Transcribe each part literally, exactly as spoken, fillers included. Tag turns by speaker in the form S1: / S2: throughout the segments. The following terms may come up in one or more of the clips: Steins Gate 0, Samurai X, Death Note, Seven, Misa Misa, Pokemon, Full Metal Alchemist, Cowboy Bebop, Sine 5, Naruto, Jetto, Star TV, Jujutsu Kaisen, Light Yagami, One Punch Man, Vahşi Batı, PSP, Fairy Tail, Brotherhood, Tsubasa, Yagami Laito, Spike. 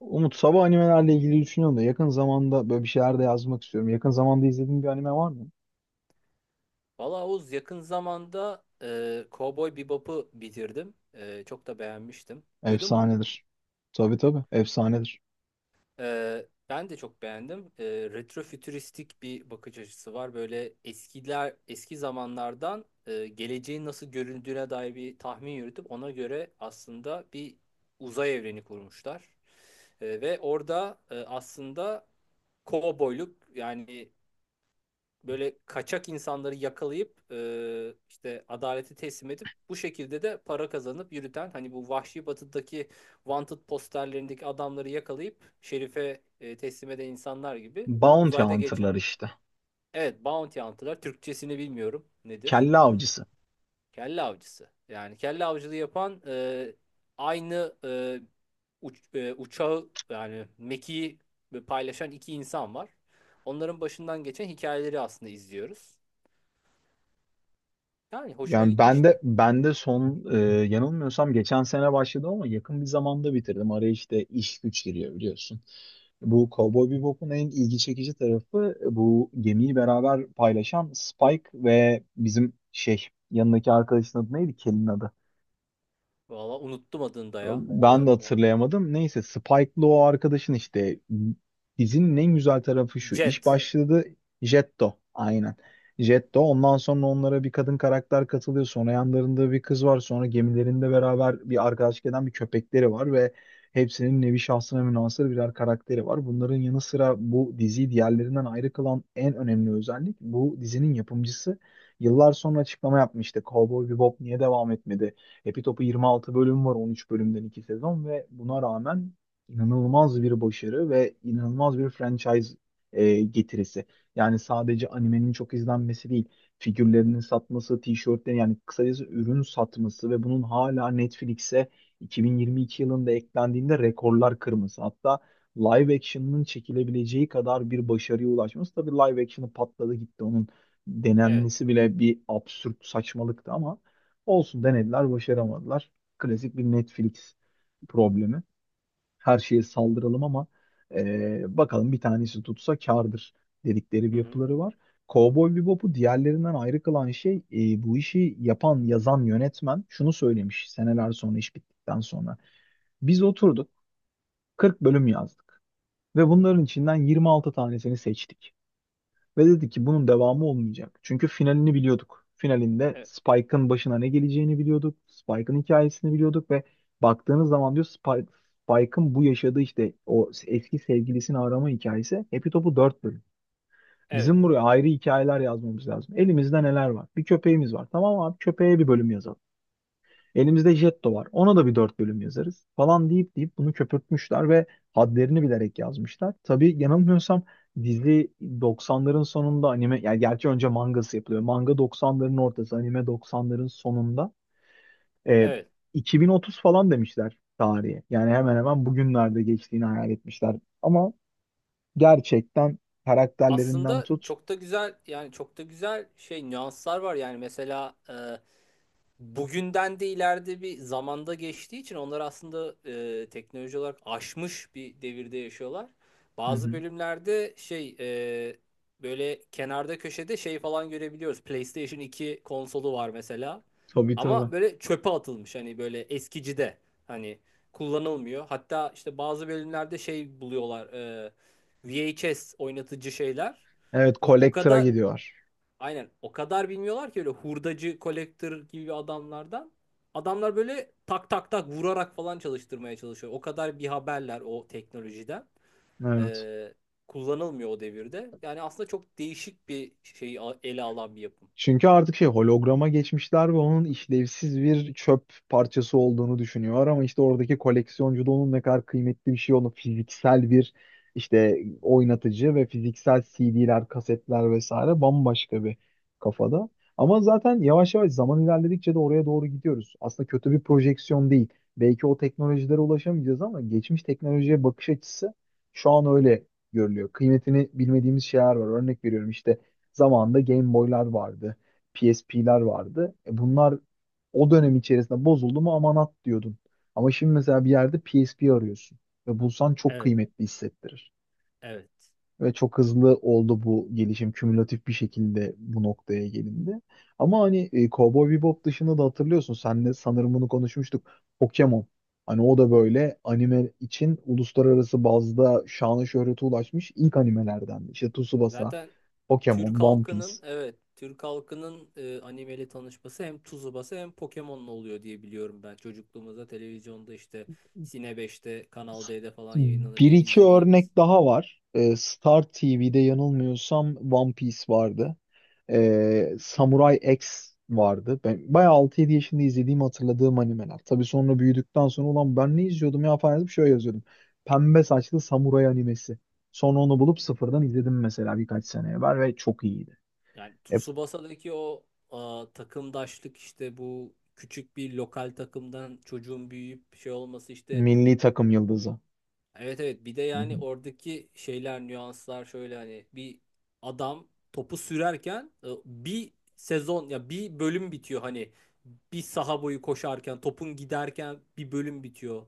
S1: Umut sabah animelerle ilgili düşünüyorum da yakın zamanda böyle bir şeyler de yazmak istiyorum. Yakın zamanda izlediğin bir anime var mı?
S2: Valla Oğuz yakın zamanda e, Cowboy Bebop'u bitirdim. E, çok da beğenmiştim. Duydun mu?
S1: Efsanedir. Tabii tabii efsanedir.
S2: E, ben de çok beğendim. E, retrofütüristik bir bakış açısı var. Böyle eskiler, eski zamanlardan e, geleceğin nasıl göründüğüne dair bir tahmin yürütüp ona göre aslında bir uzay evreni kurmuşlar. E, ve orada e, aslında kovboyluk yani böyle kaçak insanları yakalayıp e, işte adalete teslim edip bu şekilde de para kazanıp yürüten hani bu Vahşi Batı'daki wanted posterlerindeki adamları yakalayıp şerife e, teslim eden insanlar gibi bunu
S1: Bounty
S2: uzayda geçen.
S1: Hunter'lar işte.
S2: Evet, bounty hunter'lar Türkçesini bilmiyorum, nedir?
S1: Kelle avcısı.
S2: Kelle avcısı. Yani kelle avcılığı yapan e, aynı e, uç- e, uçağı yani mekiği paylaşan iki insan var. Onların başından geçen hikayeleri aslında izliyoruz. Yani hoşuma
S1: Yani ben de
S2: gitmişti.
S1: ben de son e, yanılmıyorsam geçen sene başladı ama yakın bir zamanda bitirdim. Araya işte iş güç giriyor biliyorsun. Bu Cowboy Bebop'un en ilgi çekici tarafı e, bu gemiyi beraber paylaşan Spike ve bizim şey yanındaki arkadaşın adı neydi? Kel'in adı.
S2: Valla unuttum adını da ya.
S1: Ben
S2: Ee,
S1: de hatırlayamadım. Neyse Spike'lı o arkadaşın işte dizinin en güzel tarafı şu. İş
S2: Jet.
S1: başladı Jetto. Aynen. Jetto. Ondan sonra onlara bir kadın karakter katılıyor. Sonra yanlarında bir kız var. Sonra gemilerinde beraber bir arkadaşlık eden bir köpekleri var ve hepsinin nevi şahsına münhasır birer karakteri var. Bunların yanı sıra bu diziyi diğerlerinden ayrı kılan en önemli özellik bu dizinin yapımcısı yıllar sonra açıklama yapmıştı. Cowboy Bebop niye devam etmedi? Epi Topu yirmi altı bölüm var, on üç bölümden iki sezon ve buna rağmen inanılmaz bir başarı ve inanılmaz bir franchise e, getirisi. Yani sadece animenin çok izlenmesi değil, figürlerinin satması, tişörtlerini yani kısacası ürün satması ve bunun hala Netflix'e iki bin yirmi iki yılında eklendiğinde rekorlar kırması. Hatta live action'ın çekilebileceği kadar bir başarıya ulaşması. Tabii live action'ı patladı gitti. Onun
S2: Evet.
S1: denenmesi bile bir absürt saçmalıktı ama olsun denediler, başaramadılar. Klasik bir Netflix problemi. Her şeye saldıralım ama e, bakalım bir tanesi tutsa kârdır dedikleri bir
S2: Hı hı.
S1: yapıları var. Cowboy Bebop'u diğerlerinden ayrı kılan şey e, bu işi yapan, yazan yönetmen şunu söylemiş seneler sonra iş bittikten sonra. Biz oturduk kırk bölüm yazdık ve bunların içinden yirmi altı tanesini seçtik. Ve dedi ki bunun devamı olmayacak. Çünkü finalini biliyorduk. Finalinde
S2: E-
S1: Spike'ın başına ne geleceğini biliyorduk. Spike'ın hikayesini biliyorduk ve baktığınız zaman diyor Spike, Spike'ın bu yaşadığı işte o eski sevgilisini arama hikayesi Happy Top'u dört bölüm.
S2: evet.
S1: Bizim buraya ayrı hikayeler yazmamız lazım. Elimizde neler var? Bir köpeğimiz var. Tamam abi köpeğe bir bölüm yazalım. Elimizde Jetto var. Ona da bir dört bölüm yazarız falan deyip deyip bunu köpürtmüşler ve hadlerini bilerek yazmışlar. Tabii yanılmıyorsam dizi doksanların sonunda anime yani gerçi önce mangası yapılıyor. Manga doksanların ortası, anime doksanların sonunda. E,
S2: Evet.
S1: iki bin otuz falan demişler tarihe. Yani hemen hemen bugünlerde geçtiğini hayal etmişler. Ama gerçekten karakterlerinden
S2: Aslında
S1: tut.
S2: çok da güzel yani çok da güzel şey nüanslar var, yani mesela e, bugünden de ileride bir zamanda geçtiği için onlar aslında e, teknoloji olarak aşmış bir devirde yaşıyorlar.
S1: Hı
S2: Bazı
S1: hı.
S2: bölümlerde şey e, böyle kenarda köşede şey falan görebiliyoruz. PlayStation iki konsolu var mesela.
S1: Tabii tabii.
S2: Ama böyle çöpe atılmış, hani böyle eskicide, hani kullanılmıyor. Hatta işte bazı bölümlerde şey buluyorlar, e, V H S oynatıcı şeyler.
S1: Evet,
S2: Ve O
S1: Collector'a
S2: kadar
S1: gidiyor.
S2: Aynen, o kadar bilmiyorlar ki öyle hurdacı, kolektör gibi adamlardan. Adamlar böyle tak tak tak vurarak falan çalıştırmaya çalışıyor. O kadar bir haberler o teknolojiden.
S1: Evet.
S2: Ee, Kullanılmıyor o devirde. Yani aslında çok değişik bir şeyi a- ele alan bir yapım.
S1: Çünkü artık şey holograma geçmişler ve onun işlevsiz bir çöp parçası olduğunu düşünüyor ama işte oradaki koleksiyoncu da onun ne kadar kıymetli bir şey olduğunu fiziksel bir işte oynatıcı ve fiziksel C D'ler, kasetler vesaire bambaşka bir kafada. Ama zaten yavaş yavaş zaman ilerledikçe de oraya doğru gidiyoruz. Aslında kötü bir projeksiyon değil. Belki o teknolojilere ulaşamayacağız ama geçmiş teknolojiye bakış açısı şu an öyle görülüyor. Kıymetini bilmediğimiz şeyler var. Örnek veriyorum işte zamanında Game Boy'lar vardı. P S P'ler vardı. E bunlar o dönem içerisinde bozuldu mu aman at diyordun. Ama şimdi mesela bir yerde P S P arıyorsun. Ve bulsan çok
S2: Evet,
S1: kıymetli hissettirir.
S2: evet.
S1: Ve çok hızlı oldu bu gelişim. Kümülatif bir şekilde bu noktaya gelindi. Ama hani e, Cowboy Bebop dışında da hatırlıyorsun. Senle sanırım bunu konuşmuştuk. Pokemon. Hani o da böyle anime için uluslararası bazda şanı şöhrete ulaşmış ilk animelerden. İşte Tsubasa,
S2: Zaten
S1: Pokemon,
S2: Türk
S1: One Piece.
S2: halkının, evet, Türk halkının e, animeyle tanışması hem Tsubasa hem Pokemon'la oluyor diye biliyorum ben. Çocukluğumuzda televizyonda işte Sine beşte, Kanal D'de falan
S1: Bir
S2: yayınlanırken
S1: iki
S2: izlediğimiz.
S1: örnek daha var. Ee, Star T V'de yanılmıyorsam One Piece vardı. Ee, Samurai X vardı. Ben bayağı altı yedi yaşında izlediğim hatırladığım animeler. Tabii sonra büyüdükten sonra ulan ben ne izliyordum ya falan yazıp şöyle yazıyordum. Pembe saçlı samuray animesi. Sonra onu bulup sıfırdan izledim mesela birkaç sene evvel ve çok iyiydi.
S2: Yani
S1: Hep
S2: Tsubasa'daki o a, takımdaşlık, işte bu küçük bir lokal takımdan çocuğun büyüyüp şey olması işte.
S1: milli takım yıldızı.
S2: Evet, evet, bir de
S1: Hı
S2: yani
S1: hı.
S2: oradaki şeyler, nüanslar şöyle, hani bir adam topu sürerken e, bir sezon ya bir bölüm bitiyor, hani bir saha boyu koşarken topun giderken bir bölüm bitiyor.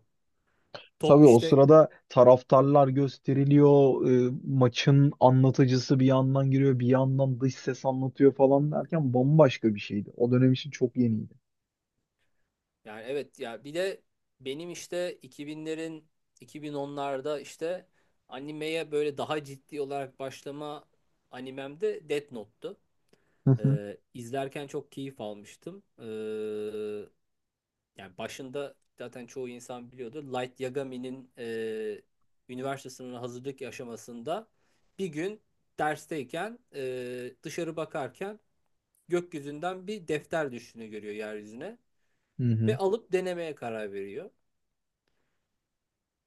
S1: Tabii
S2: Top
S1: o
S2: işte.
S1: sırada taraftarlar gösteriliyor, e, maçın anlatıcısı bir yandan giriyor, bir yandan dış ses anlatıyor falan derken bambaşka bir şeydi. O dönem için çok yeniydi.
S2: Yani evet ya, bir de benim işte iki iki binlerin, iki bin onlarda işte animeye böyle daha ciddi olarak başlama animem de Death Note'tu.
S1: Hı hı.
S2: Ee, izlerken çok keyif almıştım. Ee, yani başında zaten çoğu insan biliyordu. Light Yagami'nin e, üniversite sınavına hazırlık aşamasında bir gün dersteyken e, dışarı bakarken gökyüzünden bir defter düştüğünü görüyor yeryüzüne
S1: Hı
S2: ve
S1: hı.
S2: alıp denemeye karar veriyor.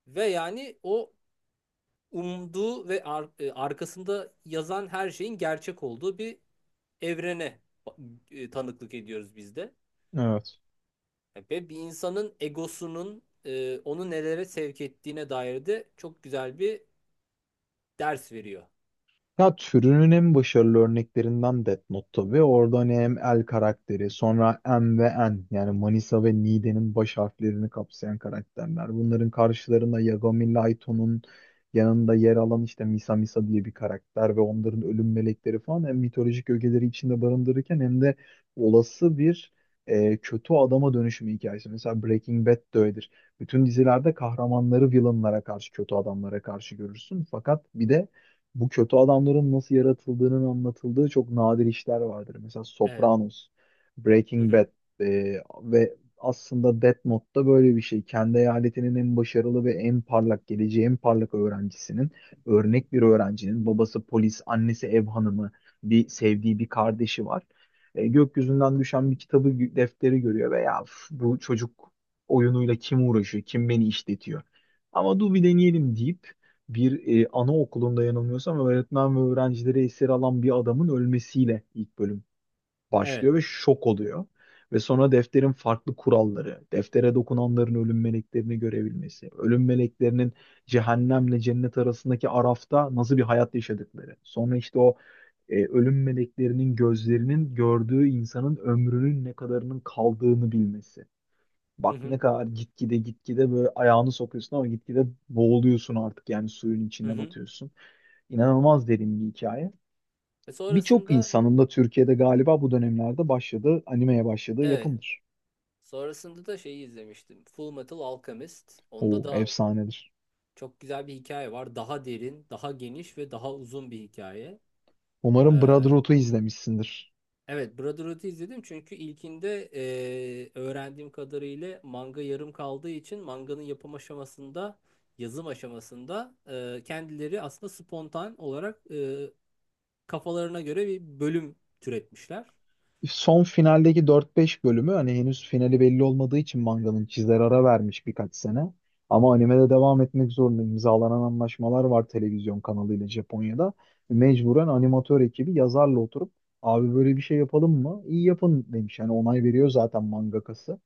S2: Ve yani o umduğu ve ar- e, arkasında yazan her şeyin gerçek olduğu bir evrene e, tanıklık ediyoruz biz de.
S1: Evet.
S2: Yani ve bir insanın egosunun e, onu nelere sevk ettiğine dair de çok güzel bir ders veriyor.
S1: Ya türünün en başarılı örneklerinden Death Note tabii. Orada hani hem El karakteri, sonra M ve N yani Manisa ve Nide'nin baş harflerini kapsayan karakterler. Bunların karşılarında Yagami Laito'nun yanında yer alan işte Misa Misa diye bir karakter ve onların ölüm melekleri falan hem mitolojik ögeleri içinde barındırırken hem de olası bir e, kötü adama dönüşümü hikayesi. Mesela Breaking Bad de öyledir. Bütün dizilerde kahramanları villainlara karşı, kötü adamlara karşı görürsün. Fakat bir de bu kötü adamların nasıl yaratıldığının anlatıldığı çok nadir işler vardır. Mesela
S2: Evet.
S1: Sopranos,
S2: Hı
S1: Breaking
S2: hı.
S1: Bad e, ve aslında Death Note'da böyle bir şey. Kendi eyaletinin en başarılı ve en parlak geleceği, en parlak öğrencisinin, örnek bir öğrencinin babası polis, annesi ev hanımı, bir sevdiği bir kardeşi var. E, gökyüzünden düşen bir kitabı gö- defteri görüyor ve ya "Üf, bu çocuk oyunuyla kim uğraşıyor, kim beni işletiyor. Ama dur bir deneyelim deyip bir e, anaokulunda yanılmıyorsam öğretmen ve öğrencileri esir alan bir adamın ölmesiyle ilk bölüm
S2: Evet.
S1: başlıyor ve şok oluyor. Ve sonra defterin farklı kuralları, deftere dokunanların ölüm meleklerini görebilmesi, ölüm meleklerinin cehennemle cennet arasındaki arafta nasıl bir hayat yaşadıkları. Sonra işte o e, ölüm meleklerinin gözlerinin gördüğü insanın ömrünün ne kadarının kaldığını bilmesi.
S2: Hı
S1: Bak ne
S2: hı.
S1: kadar gitgide gitgide böyle ayağını sokuyorsun ama gitgide boğuluyorsun artık yani suyun
S2: Hı
S1: içine
S2: hı.
S1: batıyorsun. İnanılmaz derin bir hikaye.
S2: Ve
S1: Birçok
S2: sonrasında
S1: insanın da Türkiye'de galiba bu dönemlerde başladığı, animeye başladığı
S2: evet.
S1: yapımdır.
S2: Sonrasında da şeyi izlemiştim, Full Metal Alchemist. Onda
S1: O
S2: da
S1: efsanedir.
S2: çok güzel bir hikaye var. Daha derin, daha geniş ve daha uzun bir hikaye.
S1: Umarım
S2: Ee,
S1: Brotherhood'u izlemişsindir.
S2: Evet, Brotherhood'u izledim çünkü ilkinde eee, öğrendiğim kadarıyla manga yarım kaldığı için manganın yapım aşamasında, yazım aşamasında eee, kendileri aslında spontan olarak eee, kafalarına göre bir bölüm türetmişler.
S1: Son finaldeki dört beş bölümü hani henüz finali belli olmadığı için manganın çizer ara vermiş birkaç sene. Ama animede devam etmek zorunda imzalanan anlaşmalar var televizyon kanalıyla Japonya'da. Mecburen animatör ekibi yazarla oturup abi böyle bir şey yapalım mı? İyi yapın demiş. Yani onay veriyor zaten mangakası.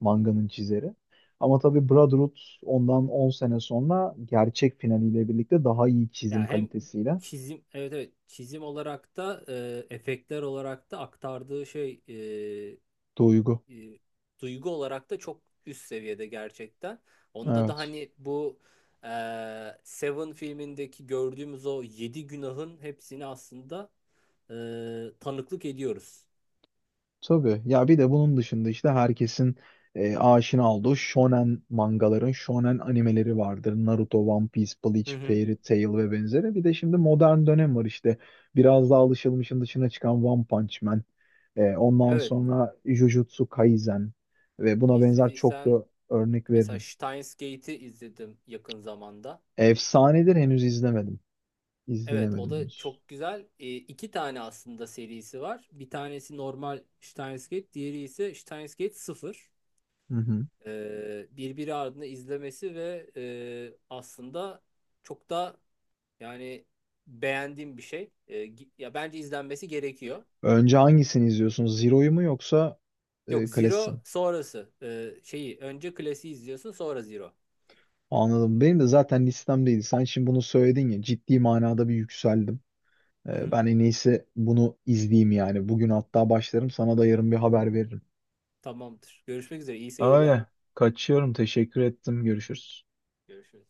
S1: Manganın çizeri. Ama tabii Brotherhood ondan on sene sonra gerçek finaliyle birlikte daha iyi çizim
S2: Yani hem
S1: kalitesiyle.
S2: çizim, evet, evet, çizim olarak da eee, efektler olarak da aktardığı şey, eee,
S1: Duygu.
S2: e, duygu olarak da çok üst seviyede gerçekten. Onda da
S1: Evet.
S2: hani bu e, Seven filmindeki gördüğümüz o yedi günahın hepsini aslında e, tanıklık ediyoruz.
S1: Tabii. Ya bir de bunun dışında işte herkesin e, aşina olduğu shonen mangaların, shonen animeleri vardır. Naruto, One Piece, Bleach,
S2: Hı hı.
S1: Fairy Tail ve benzeri. Bir de şimdi modern dönem var işte. Biraz daha alışılmışın dışına çıkan One Punch Man. E, ondan
S2: Evet,
S1: sonra Jujutsu Kaisen ve buna benzer çok
S2: izlediysen,
S1: da örnek
S2: mesela
S1: veririm.
S2: Steins Gate'i izledim yakın zamanda.
S1: Efsanedir henüz izlemedim.
S2: Evet, o
S1: İzleyemedim
S2: da
S1: henüz.
S2: çok güzel. E, iki tane aslında serisi var. Bir tanesi normal Steins Gate, diğeri ise Steins Gate sıfır
S1: Hı hı.
S2: e, Birbiri ardına izlemesi ve e, aslında çok da, yani beğendiğim bir şey. E, gi- ya bence izlenmesi gerekiyor.
S1: Önce hangisini izliyorsunuz? Zero'yu mu yoksa
S2: Yok,
S1: e, klasiği
S2: Zero
S1: mi?
S2: sonrası. E, şeyi önce klasiği izliyorsun, sonra Zero.
S1: Anladım. Benim de zaten listemdeydi. Sen şimdi bunu söyledin ya ciddi manada bir yükseldim.
S2: Hı
S1: Ee,
S2: hı.
S1: ben en iyisi bunu izleyeyim yani. Bugün hatta başlarım sana da yarın bir haber veririm.
S2: Tamamdır. Görüşmek üzere. İyi seyirler.
S1: Öyle. Kaçıyorum. Teşekkür ettim. Görüşürüz.
S2: Görüşürüz.